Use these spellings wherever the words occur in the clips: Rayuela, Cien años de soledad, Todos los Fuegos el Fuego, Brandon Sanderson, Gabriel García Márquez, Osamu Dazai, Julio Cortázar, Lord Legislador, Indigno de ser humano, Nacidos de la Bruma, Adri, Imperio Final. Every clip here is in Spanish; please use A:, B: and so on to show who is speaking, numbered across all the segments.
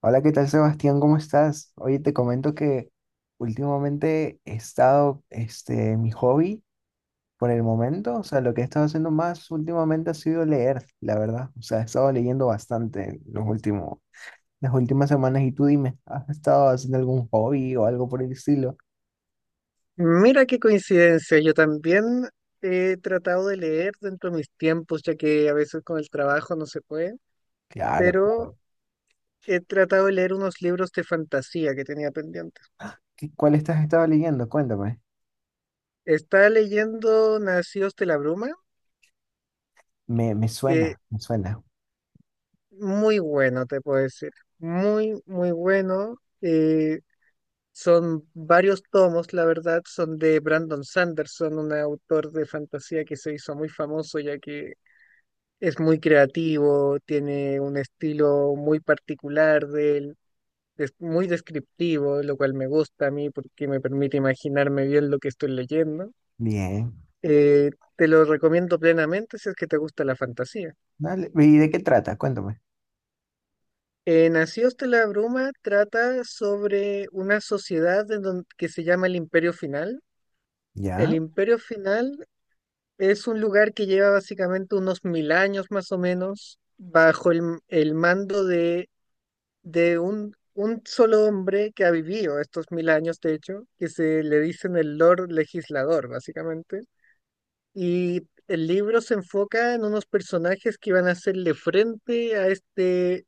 A: Hola, ¿qué tal, Sebastián? ¿Cómo estás? Oye, te comento que últimamente he estado, mi hobby por el momento, o sea, lo que he estado haciendo más últimamente ha sido leer, la verdad. O sea, he estado leyendo bastante en los últimos, las últimas semanas y tú dime, ¿has estado haciendo algún hobby o algo por el estilo?
B: Mira qué coincidencia, yo también he tratado de leer dentro de mis tiempos, ya que a veces con el trabajo no se puede,
A: Claro, claro.
B: pero he tratado de leer unos libros de fantasía que tenía pendientes.
A: ¿Cuál estás estado leyendo? Cuéntame.
B: Estaba leyendo Nacidos de la Bruma,
A: Me
B: que
A: suena, me suena.
B: muy bueno, te puedo decir, muy, muy bueno. eh, Son varios tomos, la verdad, son de Brandon Sanderson, un autor de fantasía que se hizo muy famoso, ya que es muy creativo, tiene un estilo muy particular de él, es muy descriptivo, lo cual me gusta a mí porque me permite imaginarme bien lo que estoy leyendo.
A: Bien.
B: Te lo recomiendo plenamente si es que te gusta la fantasía.
A: Dale. ¿Y de qué trata? Cuéntame.
B: Nacidos de la Bruma trata sobre una sociedad que se llama el Imperio Final. El
A: ¿Ya?
B: Imperio Final es un lugar que lleva básicamente unos 1.000 años más o menos bajo el mando de un solo hombre que ha vivido estos 1.000 años, de hecho, que se le dicen el Lord Legislador, básicamente. Y el libro se enfoca en unos personajes que van a hacerle frente a este,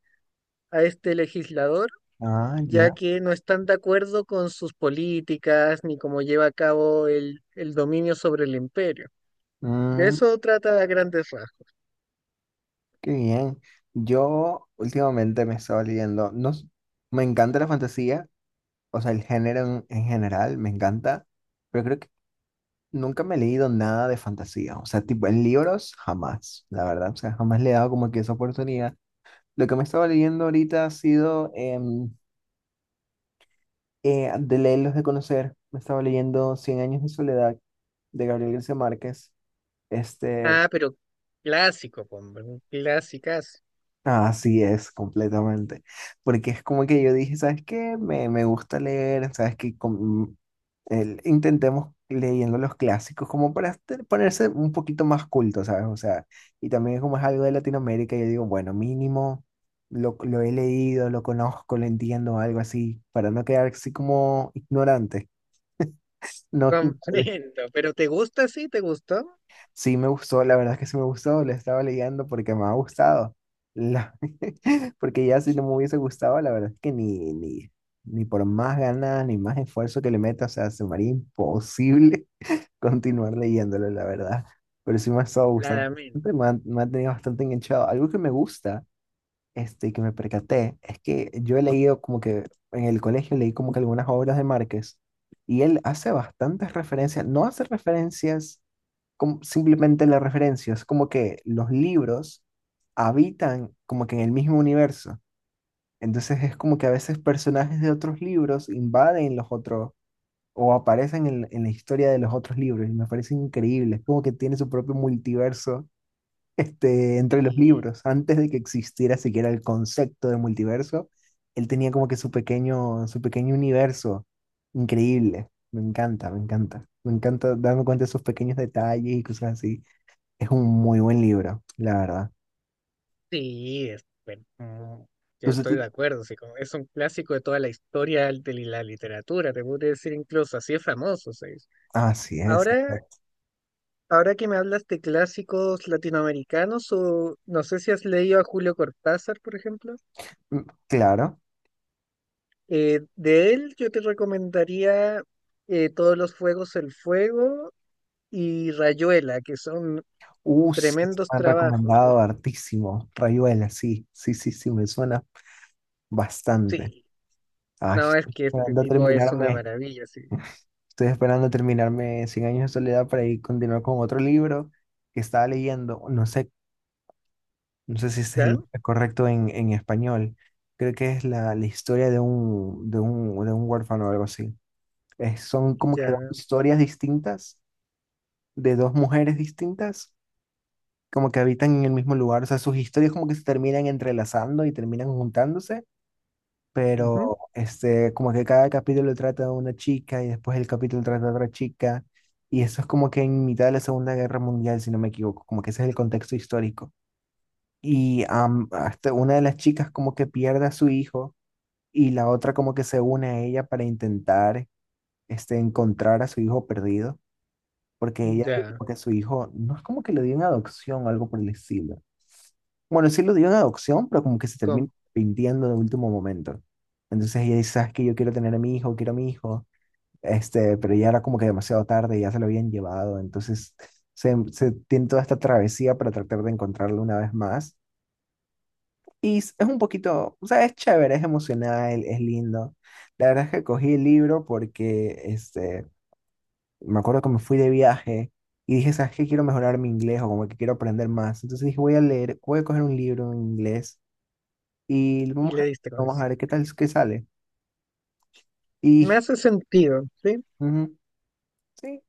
B: a este legislador,
A: Ah, ya.
B: ya que no están de acuerdo con sus políticas ni cómo lleva a cabo el dominio sobre el imperio. De
A: Mm.
B: eso trata a grandes rasgos.
A: Qué bien. Yo últimamente me estaba leyendo, no, s- me encanta la fantasía, o sea, el género en general me encanta, pero creo que nunca me he leído nada de fantasía, o sea, tipo en libros jamás, la verdad, o sea, jamás le he dado como que esa oportunidad. Lo que me estaba leyendo ahorita ha sido de leerlos de conocer, me estaba leyendo Cien años de soledad de Gabriel García Márquez, este,
B: Ah, pero clásico, hombre, clásicas clasicazo.
A: así es, completamente. Porque es como que yo dije, ¿sabes qué? Me gusta leer, ¿sabes qué? Intentemos leyendo los clásicos como para ponerse un poquito más culto, ¿sabes? O sea, y también como es algo de Latinoamérica, yo digo, bueno, mínimo lo he leído, lo conozco, lo entiendo, algo así, para no quedar así como ignorante, no, no.
B: Comprendo, pero ¿te gusta? Sí, ¿te gustó?
A: Sí me gustó, la verdad es que sí me gustó, le estaba leyendo porque me ha gustado. La- Porque ya si no me hubiese gustado, la verdad es que ni por más ganas, ni más esfuerzo que le meta, o sea, se me haría imposible continuar leyéndolo, la verdad. Pero sí me ha estado gustando
B: Claramente,
A: bastante, me ha tenido bastante enganchado. Algo que me gusta, y que me percaté, es que yo he leído como que en el colegio leí como que algunas obras de Márquez y él hace bastantes referencias, no hace referencias como simplemente la referencia, es como que los libros habitan como que en el mismo universo. Entonces es como que a veces personajes de otros libros invaden los otros o aparecen en la historia de los otros libros y me parece increíble. Es como que tiene su propio multiverso, entre los
B: sí,
A: libros. Antes de que existiera siquiera el concepto de multiverso, él tenía como que su pequeño universo. Increíble. Me encanta, me encanta. Me encanta darme cuenta de esos pequeños detalles y cosas así. Es un muy buen libro, la verdad.
B: sí, bueno, yo estoy
A: Entonces,
B: de acuerdo, sí, como es un clásico de toda la historia de la literatura, te puedo decir incluso, así es famoso, sí.
A: así es,
B: Ahora,
A: exacto.
B: ahora que me hablas de clásicos latinoamericanos, o no sé si has leído a Julio Cortázar, por ejemplo,
A: Mm. Claro.
B: de él yo te recomendaría Todos los Fuegos, el Fuego y Rayuela, que son
A: Sí,
B: tremendos
A: me han
B: trabajos,
A: recomendado hartísimo. Rayuela, sí, sí, sí, sí, me suena bastante.
B: sí,
A: Ay,
B: no, es que este tipo es una maravilla, sí,
A: estoy esperando terminarme Cien años de soledad para ir continuar con otro libro que estaba leyendo. No sé, no sé si ese es el
B: ¿ya?
A: nombre correcto en español. Creo que es la, la historia de un, de un, de un huérfano o algo así. Son como que dos
B: Ya,
A: historias distintas de dos mujeres distintas, como que habitan en el mismo lugar, o sea, sus historias como que se terminan entrelazando y terminan juntándose,
B: ujú,
A: pero como que cada capítulo trata de una chica y después el capítulo trata de otra chica, y eso es como que en mitad de la Segunda Guerra Mundial, si no me equivoco, como que ese es el contexto histórico. Y hasta una de las chicas como que pierde a su hijo y la otra como que se une a ella para intentar, encontrar a su hijo perdido porque ella dijo
B: ya,
A: como que su hijo no es como que lo dio en adopción o algo por el estilo. Bueno, sí lo dio en adopción, pero como que se termina
B: com-
A: arrepintiendo de último momento. Entonces ella dice, ¿sabes qué? Yo quiero tener a mi hijo, quiero a mi hijo. Pero ya era como que demasiado tarde, ya se lo habían llevado. Entonces se tiene toda esta travesía para tratar de encontrarlo una vez más. Y es un poquito, o sea, es chévere, es emocional, es lindo. La verdad es que cogí el libro porque me acuerdo que me fui de viaje y dije, ¿sabes qué? Quiero mejorar mi inglés o como que quiero aprender más. Entonces dije, voy a leer, voy a coger un libro en inglés y
B: y
A: vamos
B: le
A: a, vamos
B: distraes.
A: a ver qué tal, qué sale.
B: Me
A: Y
B: hace sentido, ¿sí?
A: ujú, sí,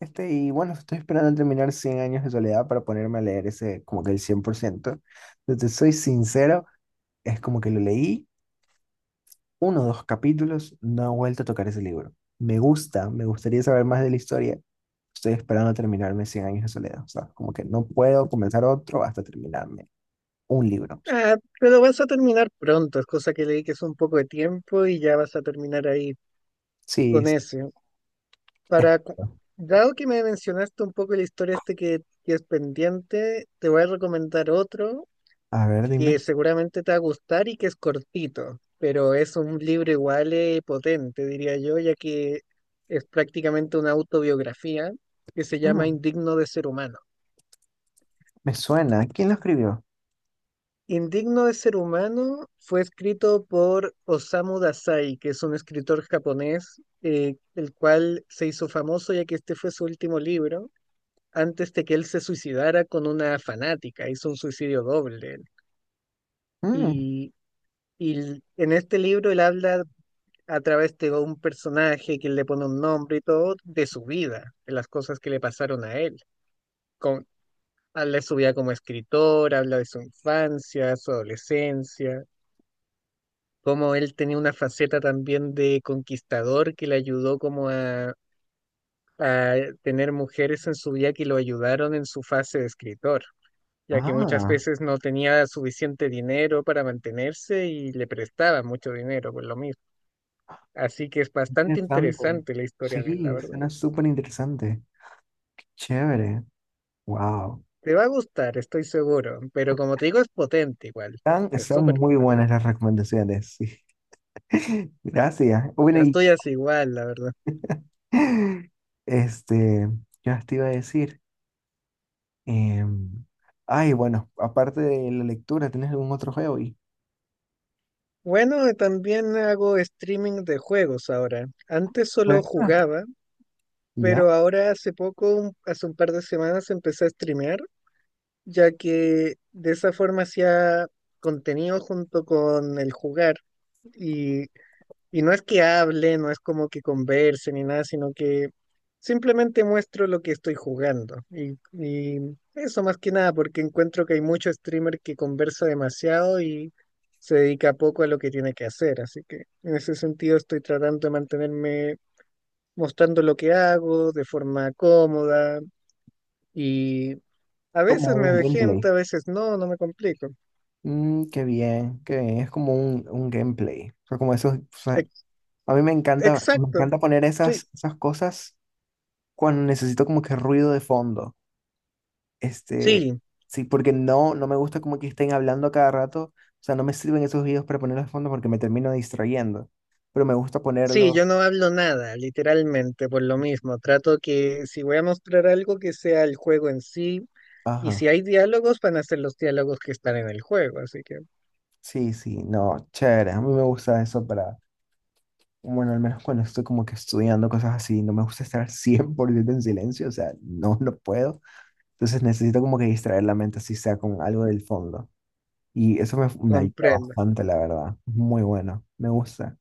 A: y bueno, estoy esperando terminar Cien años de soledad para ponerme a leer ese, como que el 100%. Entonces, soy sincero, es como que lo leí, uno o dos capítulos, no he vuelto a tocar ese libro. Me gusta, me gustaría saber más de la historia. Estoy esperando terminarme Cien años de soledad. O sea, como que no puedo comenzar otro hasta terminarme un libro.
B: Ah, pero vas a terminar pronto, es cosa que le dediques un poco de tiempo y ya vas a terminar ahí
A: Sí,
B: con
A: sí.
B: eso. Para, cu- dado que me mencionaste un poco la historia este que es pendiente, te voy a recomendar otro
A: A ver,
B: que
A: dime.
B: seguramente te va a gustar y que es cortito, pero es un libro igual, potente, diría yo, ya que es prácticamente una autobiografía que se llama
A: Mm,
B: Indigno de ser humano.
A: me suena. ¿Quién lo escribió?
B: Indigno de ser humano fue escrito por Osamu Dazai, que es un escritor japonés, el cual se hizo famoso ya que este fue su último libro, antes de que él se suicidara con una fanática, hizo un suicidio doble.
A: Mm,
B: Y, en este libro él habla a través de un personaje que le pone un nombre y todo, de su vida, de las cosas que le pasaron a él. Con, habla de su vida como escritor, habla de su infancia, su adolescencia como él tenía una faceta también de conquistador que le ayudó como a tener mujeres en su vida que lo ayudaron en su fase de escritor, ya que muchas
A: ah,
B: veces no tenía suficiente dinero para mantenerse y le prestaban mucho dinero por lo mismo. Así que es bastante
A: interesante.
B: interesante la historia de él, la
A: Sí,
B: verdad.
A: suena súper interesante. Chévere. Wow.
B: Te va a gustar, estoy seguro, pero como te digo, es potente igual,
A: Están,
B: es
A: son
B: súper
A: muy
B: potente.
A: buenas las recomendaciones. Sí. Gracias. Bueno,
B: Las
A: y
B: tuyas igual, la verdad.
A: este, ¿qué más te iba a decir? Em, ay, bueno, aparte de la lectura, ¿tienes algún otro juego?
B: Bueno, también hago streaming de juegos ahora. Antes
A: Fue.
B: solo jugaba,
A: ¿Ya?
B: pero ahora hace poco, hace un par de semanas, empecé a streamear, ya que de esa forma hacía contenido junto con el jugar. Y, y no es que hable, no es como que converse ni nada, sino que simplemente muestro lo que estoy jugando. Y eso más que nada, porque encuentro que hay mucho streamer que conversa demasiado y se dedica poco a lo que tiene que hacer. Así que en ese sentido estoy tratando de mantenerme mostrando lo que hago de forma cómoda y a
A: Como
B: veces me
A: un
B: vejento,
A: gameplay.
B: a veces no, no me complico.
A: Mm, qué bien, qué bien. Es como un gameplay. O sea, como esos, o sea,
B: Ex-
A: a mí me
B: Exacto,
A: encanta poner
B: sí,
A: esas, esas cosas cuando necesito como que ruido de fondo. Este,
B: sí,
A: sí, porque no, no me gusta como que estén hablando a cada rato. O sea, no me sirven esos videos para ponerlos de fondo porque me termino distrayendo. Pero me gusta
B: sí, yo
A: ponerlos.
B: no hablo nada, literalmente, por lo mismo. Trato que si voy a mostrar algo que sea el juego en sí y
A: Ajá.
B: si hay diálogos van a ser los diálogos que están en el juego, así que
A: Sí, sí, no, chévere. A mí me gusta eso para. Bueno, al menos cuando estoy como que estudiando cosas así, no me gusta estar 100% en silencio, o sea, no, no puedo. Entonces necesito como que distraer la mente, así sea con algo del fondo. Y eso me ayuda
B: comprendo,
A: bastante, la verdad. Muy bueno,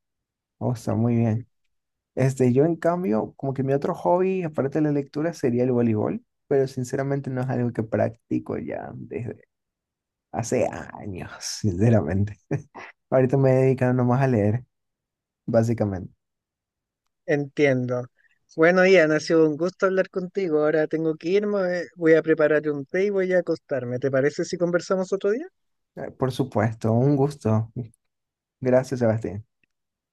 A: me gusta muy bien. Yo en cambio, como que mi otro hobby, aparte de la lectura, sería el voleibol, pero sinceramente no es algo que practico ya desde hace años, sinceramente. Ahorita me he dedicado nomás a leer, básicamente.
B: entiendo. Bueno, Ian, ha sido un gusto hablar contigo. Ahora tengo que irme, voy a preparar un té y voy a acostarme. ¿Te parece si conversamos otro día?
A: Por supuesto, un gusto. Gracias, Sebastián.